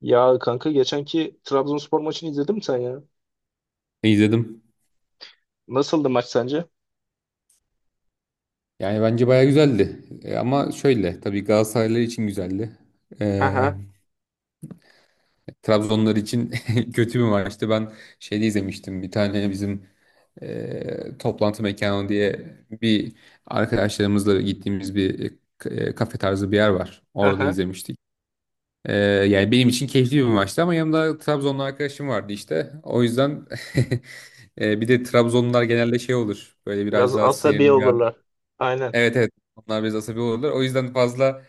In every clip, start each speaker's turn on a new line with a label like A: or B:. A: Ya kanka geçenki Trabzonspor maçını izledin mi sen ya?
B: İzledim.
A: Nasıldı maç sence?
B: Yani bence baya güzeldi. Ama şöyle tabii Galatasaraylılar için güzeldi. E,
A: Aha,
B: Trabzonlar için kötü bir maçtı. Ben şeyde izlemiştim. Bir tane bizim toplantı mekanı diye bir arkadaşlarımızla gittiğimiz bir kafe tarzı bir yer var. Orada
A: aha.
B: izlemiştik. Yani benim için keyifli bir maçtı ama yanımda Trabzonlu arkadaşım vardı işte. O yüzden bir de Trabzonlular genelde şey olur. Böyle
A: Biraz
B: biraz daha
A: asabi
B: sinirli.
A: olurlar. Aynen.
B: Evet, evet, onlar biraz asabi olurlar. O yüzden fazla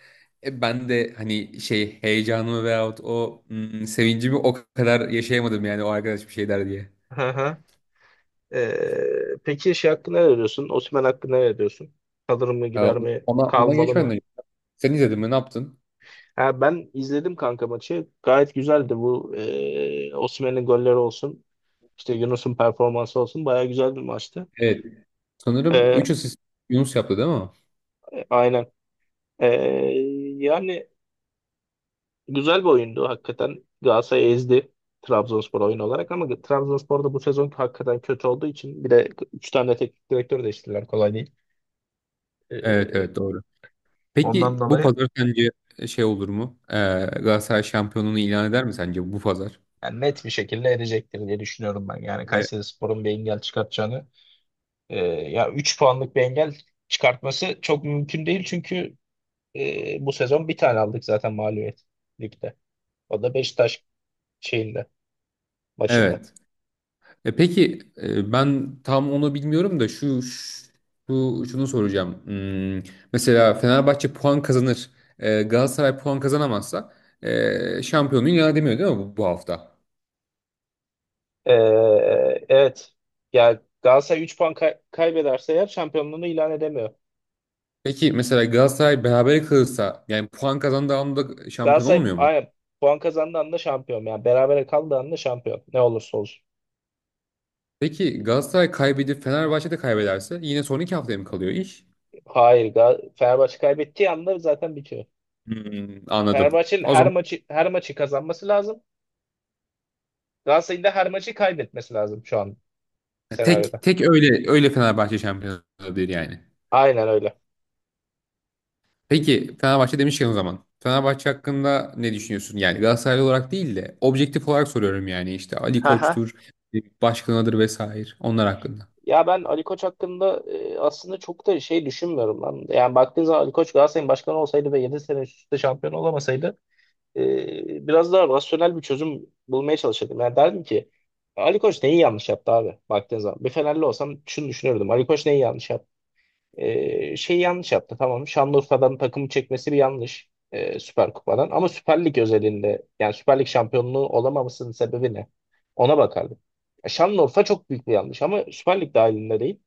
B: ben de hani şey heyecanımı veyahut o sevincimi o kadar yaşayamadım yani o arkadaş bir şey der diye.
A: Aha. Peki şey hakkında ne diyorsun? Osimhen hakkında ne diyorsun? Kalır mı
B: Ee,
A: gider mi?
B: ona
A: Kalmalı
B: geçmeden
A: mı?
B: önce. Sen izledin mi? Ne yaptın?
A: Ha, ben izledim kanka maçı. Gayet güzeldi bu. Osimhen'in golleri olsun. İşte Yunus'un performansı olsun. Baya güzel bir maçtı.
B: Evet. Sanırım
A: Ee,
B: 3 asist Yunus yaptı değil mi?
A: aynen. Ee, Yani güzel bir oyundu hakikaten. Galatasaray ezdi Trabzonspor oyun olarak ama Trabzonspor da bu sezon hakikaten kötü olduğu için bir de 3 tane teknik direktör değiştirdiler kolay değil.
B: Evet,
A: Ee,
B: evet, doğru.
A: ondan
B: Peki bu
A: dolayı
B: pazar sence şey olur mu? Galatasaray şampiyonluğunu ilan eder mi sence bu pazar?
A: yani net bir şekilde edecektir diye düşünüyorum ben. Yani
B: Evet.
A: Kayserispor'un bir engel çıkartacağını ya 3 puanlık bir engel çıkartması çok mümkün değil çünkü bu sezon bir tane aldık zaten mağlubiyet ligde. O da Beşiktaş şeyinde maçında.
B: Evet. Peki, ben tam onu bilmiyorum da, şu, şu şunu soracağım. Mesela Fenerbahçe puan kazanır, Galatasaray puan kazanamazsa şampiyonluğu ilan edemiyor değil mi, bu hafta?
A: Ee, evet. Yani Galatasaray 3 puan kaybederse eğer şampiyonluğunu ilan edemiyor.
B: Peki mesela Galatasaray berabere kalırsa yani puan kazandığı anda şampiyon
A: Galatasaray
B: olmuyor mu?
A: aynen, puan kazandığı anda şampiyon. Yani berabere kaldığı anda şampiyon. Ne olursa olsun.
B: Peki Galatasaray kaybedip Fenerbahçe de kaybederse yine son 2 haftaya mı kalıyor iş?
A: Hayır. Fenerbahçe kaybettiği anda zaten bitiyor.
B: Anladım.
A: Fenerbahçe'nin
B: O
A: her
B: zaman
A: maçı her maçı kazanması lazım. Galatasaray'ın da her maçı kaybetmesi lazım şu an
B: tek
A: senaryoda.
B: tek öyle öyle Fenerbahçe şampiyon olabilir yani.
A: Aynen öyle.
B: Peki Fenerbahçe demişken o zaman. Fenerbahçe hakkında ne düşünüyorsun? Yani Galatasaraylı olarak değil de objektif olarak soruyorum, yani işte Ali
A: Hı hı.
B: Koç'tur, başkanıdır vesaire onlar hakkında.
A: Ya ben Ali Koç hakkında aslında çok da şey düşünmüyorum lan. Yani baktığın zaman Ali Koç Galatasaray'ın başkanı olsaydı ve 7 sene üst üste şampiyon olamasaydı biraz daha rasyonel bir çözüm bulmaya çalışırdım. Yani derdim ki Ali Koç neyi yanlış yaptı abi baktığın zaman. Bir Fenerli olsam şunu düşünürdüm. Ali Koç neyi yanlış yaptı? Şeyi yanlış yaptı tamam. Şanlıurfa'dan takımı çekmesi bir yanlış. Süper Kupa'dan. Ama Süper Lig özelinde yani Süper Lig şampiyonluğu olamamasının sebebi ne? Ona bakardım. Şanlıurfa çok büyük bir yanlış ama Süper Lig dahilinde değil.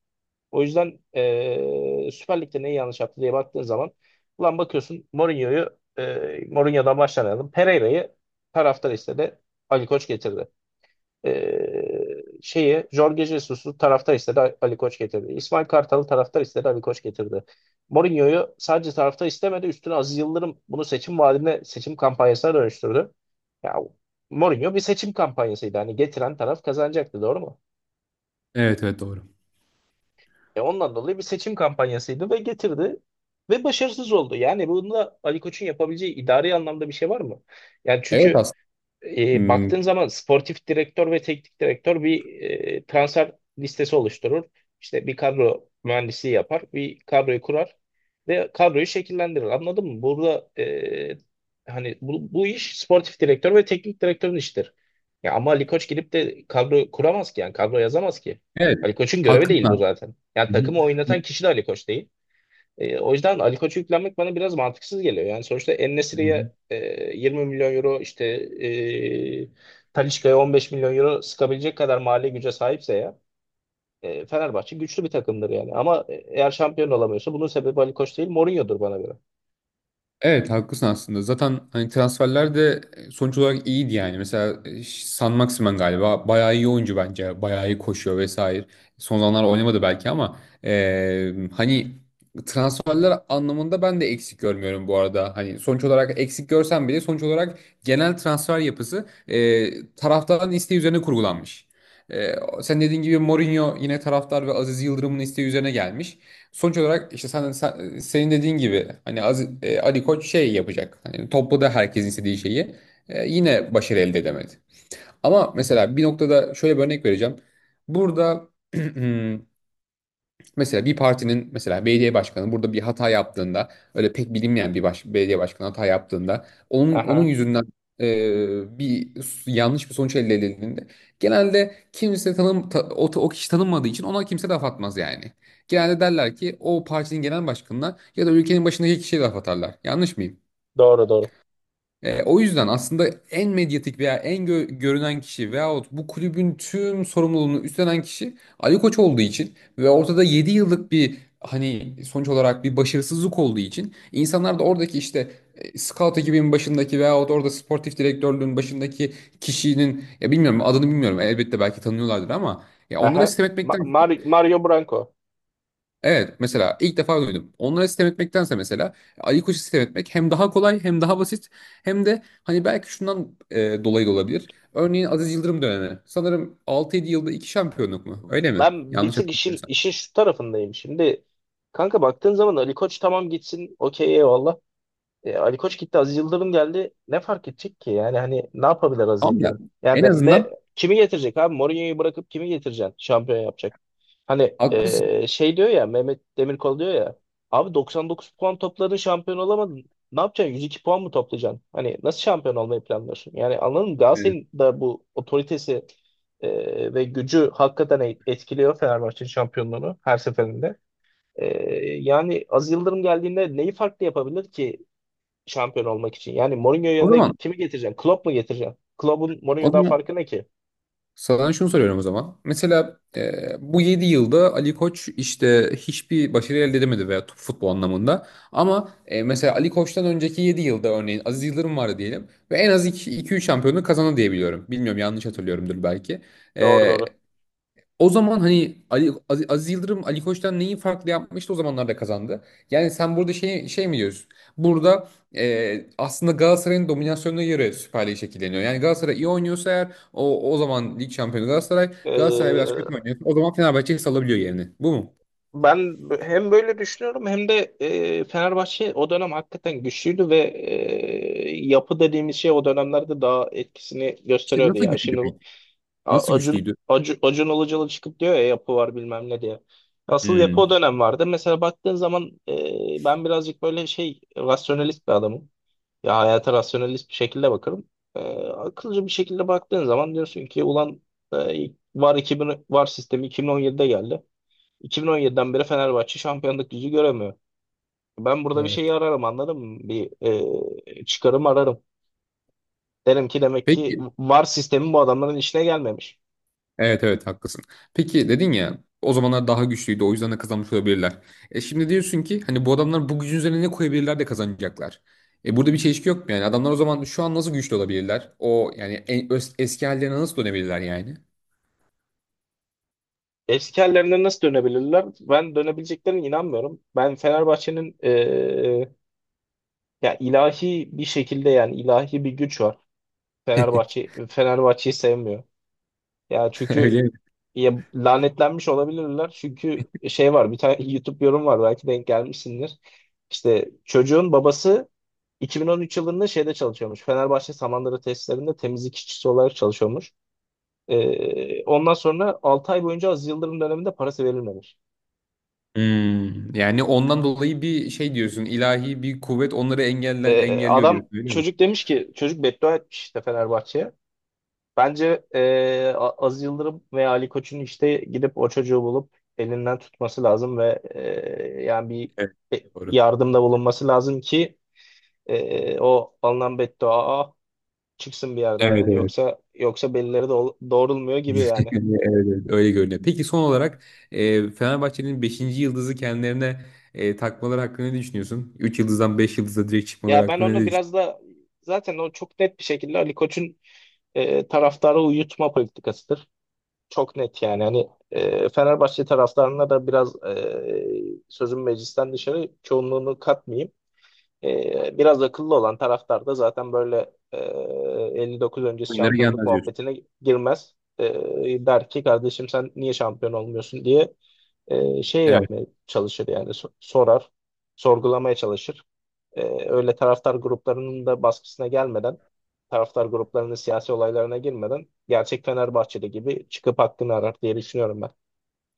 A: O yüzden Süper Lig'de neyi yanlış yaptı diye baktığın zaman ulan bakıyorsun Mourinho'yu Mourinho'dan başlayalım. Pereira'yı taraftar istedi. Ali Koç getirdi. Şeyi Jorge Jesus'u taraftar istedi. Ali Koç getirdi. İsmail Kartal'ı taraftar istedi. Ali Koç getirdi. Mourinho'yu sadece taraftar istemedi. Üstüne Aziz Yıldırım bunu seçim vaadine, seçim kampanyasına dönüştürdü. Ya Mourinho bir seçim kampanyasıydı. Hani getiren taraf kazanacaktı. Doğru mu?
B: Evet, evet, doğru.
A: Ondan dolayı bir seçim kampanyasıydı ve getirdi ve başarısız oldu. Yani bunda Ali Koç'un yapabileceği idari anlamda bir şey var mı? Yani
B: Evet
A: çünkü
B: aslında. Hmm,
A: baktığın zaman sportif direktör ve teknik direktör bir transfer listesi oluşturur. İşte bir kadro mühendisliği yapar, bir kadroyu kurar ve kadroyu şekillendirir. Anladın mı? Burada hani bu iş sportif direktör ve teknik direktörün işidir. Ya ama Ali Koç gidip de kadro kuramaz ki yani kadro yazamaz ki.
B: evet.
A: Ali Koç'un görevi değil bu
B: Haklısın.
A: zaten. Yani
B: Hı
A: takımı oynatan kişi de Ali Koç değil. O yüzden Ali Koç'u yüklenmek bana biraz mantıksız geliyor. Yani sonuçta
B: hı.
A: En-Nesyri'ye 20 milyon euro işte Talisca'ya 15 milyon euro sıkabilecek kadar mali güce sahipse ya Fenerbahçe güçlü bir takımdır yani. Ama eğer şampiyon olamıyorsa bunun sebebi Ali Koç değil Mourinho'dur bana göre.
B: Evet, haklısın aslında. Zaten hani transferler de sonuç olarak iyiydi yani. Mesela San Maximin galiba bayağı iyi oyuncu bence. Bayağı iyi koşuyor vesaire. Son zamanlar oynamadı belki ama hani transferler anlamında ben de eksik görmüyorum bu arada. Hani sonuç olarak eksik görsem bile sonuç olarak genel transfer yapısı taraftarın isteği üzerine kurgulanmış. E, sen dediğin gibi Mourinho yine taraftar ve Aziz Yıldırım'ın isteği üzerine gelmiş. Sonuç olarak işte senin dediğin gibi hani Ali Koç şey yapacak. Hani topla herkesin istediği şeyi yine başarı elde edemedi. Ama mesela bir noktada şöyle bir örnek vereceğim. Burada mesela bir partinin, mesela belediye başkanı burada bir hata yaptığında, öyle pek bilinmeyen bir belediye başkanı hata yaptığında onun
A: Aha,
B: yüzünden yanlış bir sonuç elde edildiğinde, genelde kimse o kişi tanınmadığı için ona kimse laf atmaz yani. Genelde derler ki o partinin genel başkanına ya da ülkenin başındaki kişiye laf atarlar. Yanlış mıyım?
A: doğru doğru.
B: O yüzden aslında en medyatik veya en görünen kişi veyahut bu kulübün tüm sorumluluğunu üstlenen kişi Ali Koç olduğu için ve ortada 7 yıllık bir hani sonuç olarak bir başarısızlık olduğu için, insanlar da oradaki işte scout ekibinin başındaki veyahut orada sportif direktörlüğün başındaki kişinin, ya bilmiyorum adını, bilmiyorum elbette, belki tanıyorlardır ama ya onlara
A: Aha,
B: sistem etmekten.
A: Mario Branco.
B: Evet, mesela ilk defa duydum. Onlara sistem etmektense mesela Ali Koç'u sistem etmek hem daha kolay, hem daha basit hem de hani belki şundan dolayı da olabilir. Örneğin Aziz Yıldırım dönemi. Sanırım altı yedi yılda 2 şampiyonluk mu? Öyle mi?
A: Ben bir
B: Yanlış
A: tık işin,
B: hatırlamıyorsam.
A: işin şu tarafındayım. Şimdi kanka baktığın zaman Ali Koç tamam gitsin okey eyvallah. Ali Koç gitti, Aziz Yıldırım geldi. Ne fark edecek ki? Yani hani ne yapabilir Aziz
B: Tamam ya,
A: Yıldırım? Yani
B: en
A: de ne
B: azından
A: kimi getirecek abi? Mourinho'yu bırakıp kimi getireceksin? Şampiyon yapacak. Hani
B: haklısın.
A: şey diyor ya Mehmet Demirkol diyor ya. Abi 99 puan topladın şampiyon olamadın. Ne yapacaksın? 102 puan mı toplayacaksın? Hani nasıl şampiyon olmayı planlıyorsun? Yani anladın mı?
B: Evet.
A: Galatasaray'ın da bu otoritesi ve gücü hakikaten etkiliyor Fenerbahçe'nin şampiyonluğunu her seferinde. E, yani Aziz Yıldırım geldiğinde neyi farklı yapabilir ki şampiyon olmak için. Yani Mourinho
B: O
A: yerine
B: zaman
A: kimi getireceksin? Klopp mu getireceksin? Klopp'un
B: o
A: Mourinho'dan
B: zaman
A: farkı ne ki?
B: Sana şunu soruyorum o zaman. Mesela bu 7 yılda Ali Koç işte hiçbir başarı elde edemedi, veya futbol anlamında. Ama mesela Ali Koç'tan önceki 7 yılda örneğin Aziz Yıldırım vardı diyelim. Ve en az iki, 3 şampiyonluk kazandı diye biliyorum. Bilmiyorum, yanlış hatırlıyorumdur belki.
A: Doğru
B: E,
A: doğru.
B: o zaman hani Aziz Yıldırım Ali Koç'tan neyi farklı yapmıştı o zamanlarda kazandı. Yani sen burada şey mi diyorsun? Burada aslında Galatasaray'ın dominasyonuna göre Süper Lig şekilleniyor. Yani Galatasaray iyi oynuyorsa eğer o zaman lig şampiyonu Galatasaray. Galatasaray biraz
A: Ee,
B: kötü oynuyor. O zaman Fenerbahçe salabiliyor yerini. Bu mu?
A: ben hem böyle düşünüyorum hem de Fenerbahçe o dönem hakikaten güçlüydü ve yapı dediğimiz şey o dönemlerde daha etkisini
B: İşte
A: gösteriyordu
B: nasıl
A: ya.
B: güçlüydü
A: Şimdi
B: peki? Nasıl güçlüydü?
A: Acun Ilıcalı çıkıp diyor ya yapı var bilmem ne diye. Asıl yapı o
B: Hmm.
A: dönem vardı. Mesela baktığın zaman ben birazcık böyle şey rasyonelist bir adamım. Ya hayata rasyonelist bir şekilde bakarım. Ee, akılcı bir şekilde baktığın zaman diyorsun ki ulan e, VAR 2000 VAR sistemi 2017'de geldi. 2017'den beri Fenerbahçe şampiyonluk yüzü göremiyor. Ben burada bir
B: Evet.
A: şeyi ararım anladın mı? Bir çıkarım ararım. Derim ki demek ki
B: Peki.
A: VAR sistemi bu adamların işine gelmemiş.
B: Evet, evet, haklısın. Peki, dedin ya o zamanlar daha güçlüydü, o yüzden de kazanmış olabilirler. E şimdi diyorsun ki hani bu adamlar bu gücün üzerine ne koyabilirler de kazanacaklar. E burada bir çelişki yok mu yani? Adamlar o zaman şu an nasıl güçlü olabilirler? O yani eski hallerine nasıl dönebilirler yani?
A: Eski hallerine nasıl dönebilirler? Ben dönebileceklerine inanmıyorum. Ben Fenerbahçe'nin ya ilahi bir şekilde yani ilahi bir güç var. Fenerbahçe Fenerbahçe'yi sevmiyor. Ya çünkü
B: Öyle mi?
A: ya lanetlenmiş olabilirler. Çünkü şey var bir tane YouTube yorum var belki denk gelmişsindir. İşte çocuğun babası 2013 yılında şeyde çalışıyormuş. Fenerbahçe Samandıra tesislerinde temizlik işçisi olarak çalışıyormuş. Ondan sonra 6 ay boyunca Aziz Yıldırım döneminde parası verilmemiş.
B: Yani ondan dolayı bir şey diyorsun, ilahi bir kuvvet onları engelliyor
A: Adam
B: diyorsun, öyle mi?
A: Çocuk demiş ki çocuk beddua etmiş işte Fenerbahçe'ye. Bence Aziz Yıldırım veya Ali Koç'un işte gidip o çocuğu bulup elinden tutması lazım ve yani
B: Evet,
A: bir
B: doğru.
A: yardımda bulunması lazım ki o alınan beddua çıksın bir yerden yani
B: Evet,
A: yoksa yoksa belleri de doğrulmuyor gibi yani.
B: görünüyor, evet, evet, öyle görünüyor. Peki son olarak Fenerbahçe'nin beşinci yıldızı kendilerine takmaları hakkında ne düşünüyorsun? 3 yıldızdan 5 yıldıza direkt çıkmaları
A: Ya ben
B: hakkında ne
A: onu biraz
B: düşünüyorsun?
A: da zaten o çok net bir şekilde Ali Koç'un taraftarı uyutma politikasıdır. Çok net yani hani Fenerbahçe taraftarına da biraz sözüm meclisten dışarı çoğunluğunu katmayayım. Biraz akıllı olan taraftar da zaten böyle 59 öncesi
B: Oyunlara
A: şampiyonluk
B: gelmez diyorsun.
A: muhabbetine girmez. Der ki kardeşim sen niye şampiyon olmuyorsun diye şey
B: Evet,
A: yapmaya çalışır yani sorar, sorgulamaya çalışır. Öyle taraftar gruplarının da baskısına gelmeden, taraftar gruplarının siyasi olaylarına girmeden gerçek Fenerbahçeli gibi çıkıp hakkını arar diye düşünüyorum ben.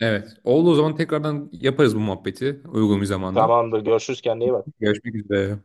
B: evet. Oldu, o zaman tekrardan yaparız bu muhabbeti uygun bir zamanda.
A: Tamamdır, görüşürüz kendine iyi bak.
B: Görüşmek üzere.